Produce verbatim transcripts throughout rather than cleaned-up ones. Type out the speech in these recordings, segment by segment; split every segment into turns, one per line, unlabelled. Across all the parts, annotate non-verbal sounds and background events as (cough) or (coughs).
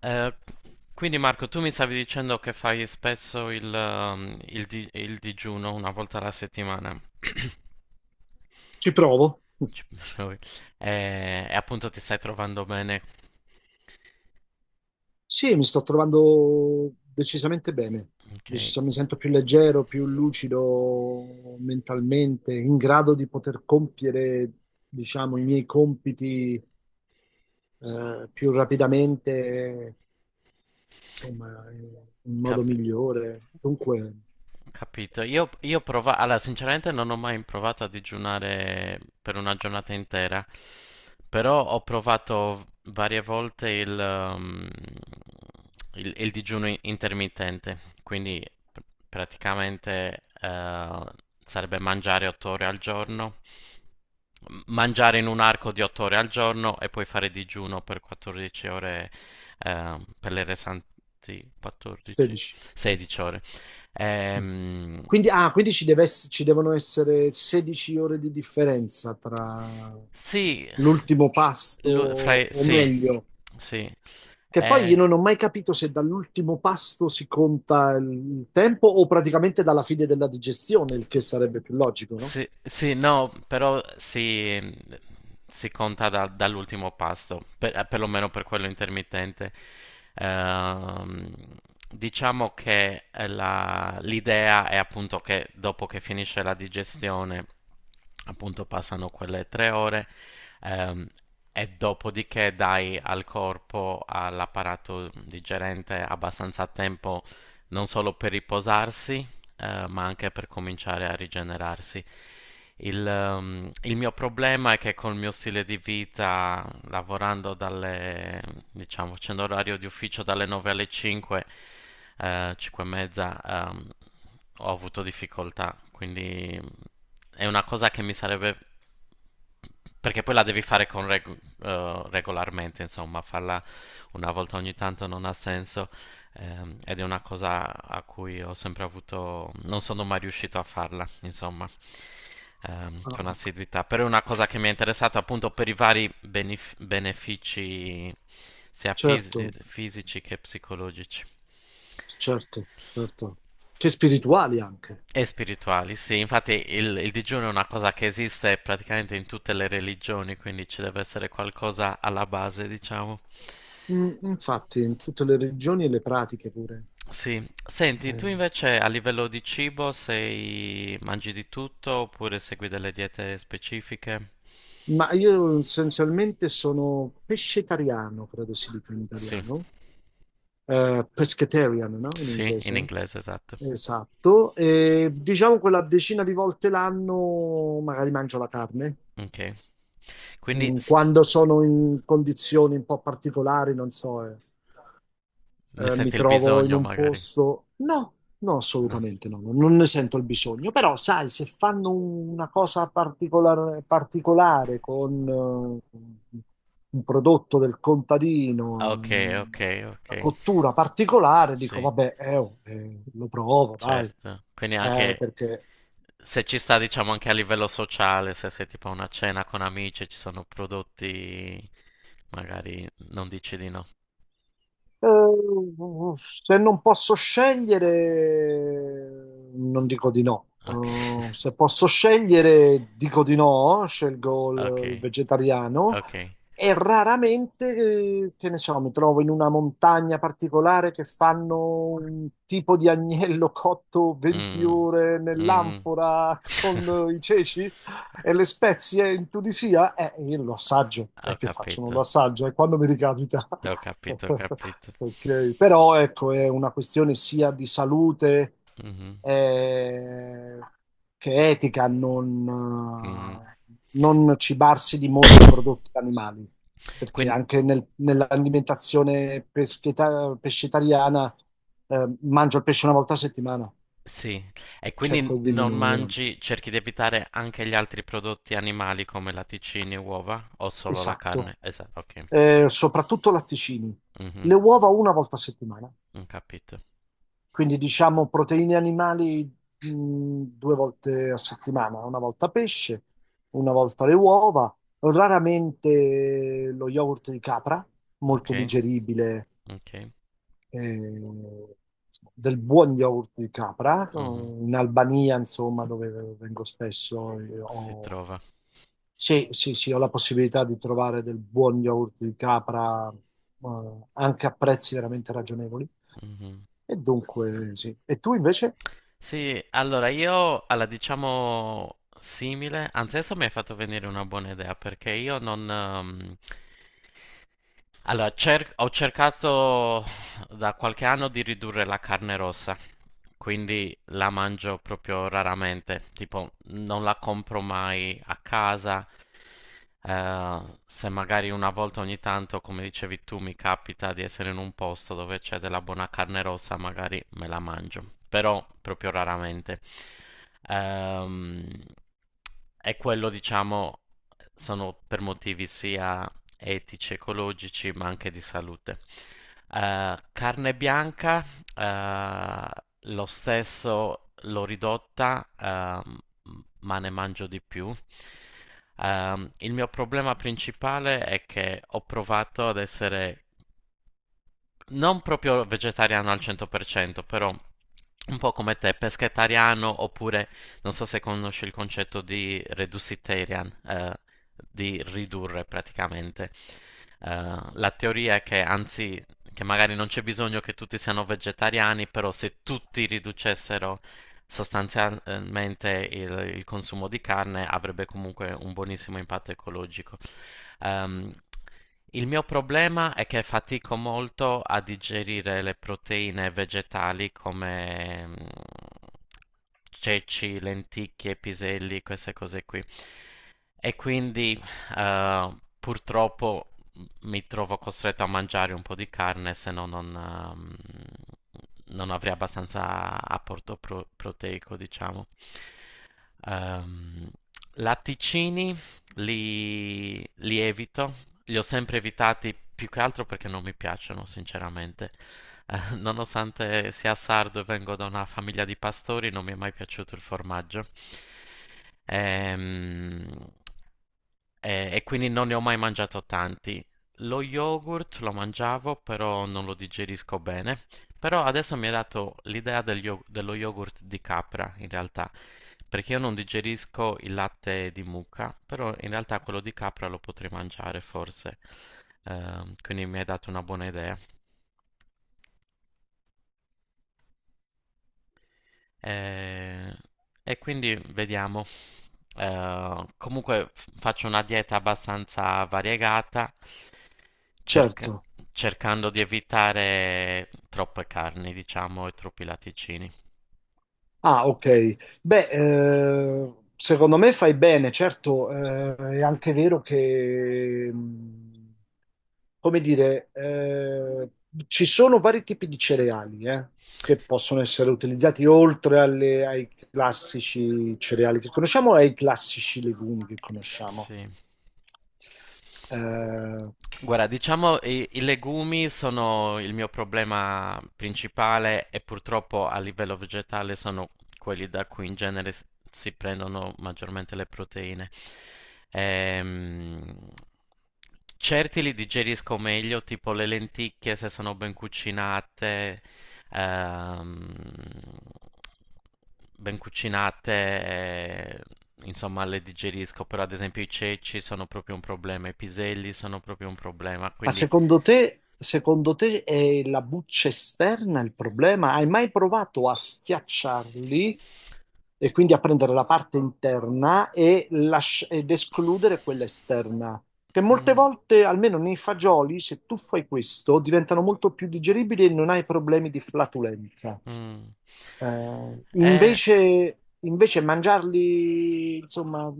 Eh, quindi Marco, tu mi stavi dicendo che fai spesso il, ehm, il di- il digiuno una volta alla settimana.
Ci provo.
Ci- (laughs) e, e appunto ti stai trovando bene,
Sì, mi sto trovando decisamente bene.
ok?
Decisa- mi sento più leggero, più lucido mentalmente, in grado di poter compiere, diciamo, i miei compiti, eh, più rapidamente, insomma, in modo
Cap-
migliore. Dunque,
Capito. Io, io prova- allora, sinceramente non ho mai provato a digiunare per una giornata intera, però ho provato varie volte il, ehm, il, il digiuno i- intermittente, quindi pr- praticamente, eh, sarebbe mangiare otto ore al giorno, mangiare in un arco di otto ore al giorno e poi fare digiuno per quattordici ore, ehm, per le restanti quattordici,
sedici.
sedici ore. Ehm,
Quindi, ah, quindi ci deve ess- ci devono essere sedici ore di differenza tra
sì,
l'ultimo pasto,
lu- fra-
o
sì,
meglio.
sì.
Che poi
Eh,
io non ho mai capito se dall'ultimo pasto si conta il tempo o praticamente dalla fine della digestione, il che sarebbe più logico, no?
Sì, sì, no, però si, si conta da- dall'ultimo pasto, per, eh, perlomeno per quello intermittente. Ehm, diciamo che, eh, la- l'idea è appunto che dopo che finisce la digestione, appunto passano quelle tre ore, ehm, e dopodiché dai al corpo, all'apparato digerente abbastanza tempo non solo per riposarsi, eh, ma anche per cominciare a rigenerarsi. Il, ehm, il mio problema è che col mio stile di vita, lavorando dalle, diciamo, facendo orario di ufficio dalle nove alle cinque, eh, cinque e mezza, ehm, ho avuto difficoltà. Quindi è una cosa che mi sarebbe. Perché poi la devi fare con reg- eh, regolarmente, insomma, farla una volta ogni tanto non ha senso. Ehm, ed è una cosa a cui ho sempre avuto, non sono mai riuscito a farla, insomma, ehm,
Ah,
con assiduità, però è una cosa che mi è interessata appunto per i vari benef- benefici sia fisi-
certo,
fisici che psicologici.
certo, certo. Che spirituali anche.
E spirituali, sì, infatti il, il digiuno è una cosa che esiste praticamente in tutte le religioni, quindi ci deve essere qualcosa alla base, diciamo.
Mm, infatti, in tutte le religioni e le pratiche pure.
Sì, senti, tu
Eh,
invece a livello di cibo sei... mangi di tutto oppure segui delle diete specifiche?
Ma io essenzialmente sono pescetariano, credo si dica in
Sì,
italiano. Eh, pescatarian, no? In
sì, in
inglese.
inglese, esatto.
Esatto. E diciamo quella decina di volte l'anno magari mangio la carne.
Ok, quindi
Mm,
s-
quando sono in condizioni un po' particolari, non so. Eh
ne
eh, mi
senti il
trovo in
bisogno
un
magari?
posto. No, no,
No.
assolutamente no, non ne sento il bisogno. Però, sai, se fanno una cosa particolare, particolare con eh, un prodotto del contadino,
Ok,
eh,
ok, ok.
una cottura particolare, dico,
Sì,
vabbè, eh, oh, eh, lo provo, dai.
certo. Quindi
Eh,
anche
perché
se ci sta, diciamo, anche a livello sociale, se sei tipo a una cena con amici, ci sono prodotti, magari non dici di no.
Eh, se non posso scegliere, non dico di no.
Ok,
Eh, se posso scegliere, dico di no, scelgo
(laughs)
il, il
ok,
vegetariano
ok.
e raramente, eh, che ne so, mi trovo in una montagna particolare che fanno un tipo di agnello cotto venti
Mm,
ore
mm.
nell'anfora (laughs) con eh,
(laughs)
i ceci. E le spezie in Tunisia, eh, io lo assaggio, è
Ho
che faccio, non lo
capito,
assaggio, è quando mi ricapita. (laughs)
ho capito, ho capito.
Ok. Però ecco, è una questione sia di salute
Mhm,
eh, che etica,
mhm.
non, eh, non cibarsi di molti prodotti animali, perché
Quindi, (coughs)
anche nel- nell'alimentazione pescheta- pescetariana eh, mangio il pesce una volta a settimana,
sì, e quindi
cerco di
non
diminuire.
mangi, cerchi di evitare anche gli altri prodotti animali come latticini e uova o solo la
Esatto.
carne? Esatto, ok.
Eh, soprattutto latticini.
Mhm.
Le uova una volta a settimana,
Ho capito.
quindi diciamo proteine animali mh, due volte a settimana, una volta pesce, una volta le uova, raramente lo yogurt di capra,
Ok,
molto digeribile,
ok.
eh, del buon yogurt di capra, eh,
Mhm.
in Albania, insomma, dove vengo spesso, eh,
Si
ho
trova.
sì, sì, sì, ho la possibilità di trovare del buon yogurt di capra, eh, anche a prezzi veramente ragionevoli.
Mhm.
E dunque, sì. E tu invece?
Sì, allora io alla, diciamo, simile, anzi adesso mi hai fatto venire una buona idea, perché io non, ehm, allora, cer- ho cercato da qualche anno di ridurre la carne rossa, quindi la mangio proprio raramente, tipo non la compro mai a casa, eh, se magari una volta ogni tanto, come dicevi tu, mi capita di essere in un posto dove c'è della buona carne rossa, magari me la mangio, però proprio raramente. Ehm, e quello, diciamo, sono per motivi sia etici, ecologici, ma anche di salute. Eh, carne bianca, eh, lo stesso l'ho ridotta, ehm, ma ne mangio di più. Ehm, il mio problema principale è che ho provato ad essere non proprio vegetariano al cento per cento, però un po' come te, pescetariano, oppure non so se conosci il concetto di reducitarian, eh, di ridurre praticamente. Eh, la teoria è che, anzi, che magari non c'è bisogno che tutti siano vegetariani, però se tutti riducessero sostanzialmente il, il consumo di carne avrebbe comunque un buonissimo impatto ecologico. Ehm, il mio problema è che fatico molto a digerire le proteine vegetali come, mm, ceci, lenticchie, piselli, queste cose qui. E quindi, eh, purtroppo, mm, mi trovo costretto a mangiare un po' di carne, se no non, ehm, non avrei abbastanza apporto pro- proteico, diciamo. Ehm, latticini li, li evito, li ho sempre evitati più che altro perché non mi piacciono, sinceramente. Eh, (laughs) nonostante sia sardo e vengo da una famiglia di pastori, non mi è mai piaciuto il formaggio. Ehm, eh, e quindi non ne ho mai mangiato tanti. Lo yogurt lo mangiavo, però non lo digerisco bene. Però adesso mi ha dato l'idea del yo- dello yogurt di capra, in realtà, perché io non digerisco il latte di mucca, però in realtà quello di capra lo potrei mangiare forse. Ehm, quindi mi hai dato una buona idea. Eh, e quindi vediamo. Eh, comunque f- faccio una dieta abbastanza variegata, cerca-
Certo.
cercando di evitare troppe carni, diciamo, e troppi latticini.
Ah, ok. Beh, eh, secondo me fai bene, certo, eh, è anche vero che, mh, come dire, eh, ci sono vari tipi di cereali, eh, che possono essere utilizzati oltre alle- ai classici cereali che conosciamo e ai classici legumi che conosciamo.
Sì.
Eh,
Guarda, diciamo i, i legumi sono il mio problema principale, e purtroppo a livello vegetale sono quelli da cui in genere s- si prendono maggiormente le proteine. Ehm, certi li digerisco meglio, tipo le lenticchie se sono ben cucinate, ehm, ben cucinate, eh, insomma, le digerisco, però ad esempio i ceci sono proprio un problema, i piselli sono proprio un problema,
Ma
quindi.
secondo te, secondo te è la buccia esterna il problema? Hai mai provato a schiacciarli e quindi a prendere la parte interna e lasci- ed escludere quella esterna? Che molte
Mm,
volte, almeno nei fagioli, se tu fai questo, diventano molto più digeribili e non hai problemi di flatulenza.
mm.
Eh,
Eh,
invece, invece mangiarli, insomma,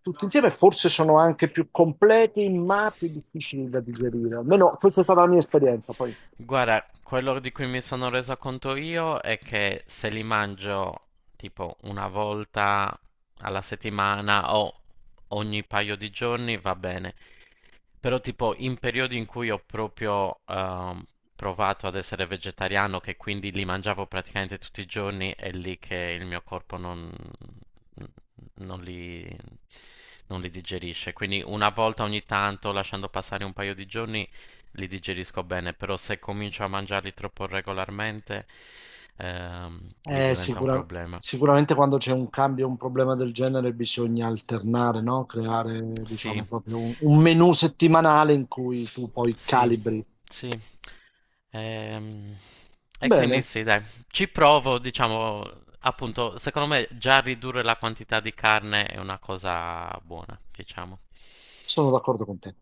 tutti insieme forse sono anche più completi, ma più difficili da digerire. Almeno questa è stata la mia esperienza. Poi,
Guarda, quello di cui mi sono reso conto io è che se li mangio tipo una volta alla settimana o ogni paio di giorni va bene, però tipo in periodi in cui ho proprio, ehm, provato ad essere vegetariano, che quindi li mangiavo praticamente tutti i giorni, è lì che il mio corpo non, non li, non li digerisce. Quindi una volta ogni tanto, lasciando passare un paio di giorni, li digerisco bene, però se comincio a mangiarli troppo regolarmente, ehm, lì
Eh,
diventa un
sicura-
problema.
sicuramente quando c'è un cambio, un problema del genere, bisogna alternare, no? Creare,
Sì,
diciamo, proprio un, un menù settimanale in cui tu poi
sì,
calibri.
sì. Ehm, e quindi
Bene,
sì, dai, ci provo, diciamo, appunto, secondo me già ridurre la quantità di carne è una cosa buona, diciamo.
sono d'accordo con te.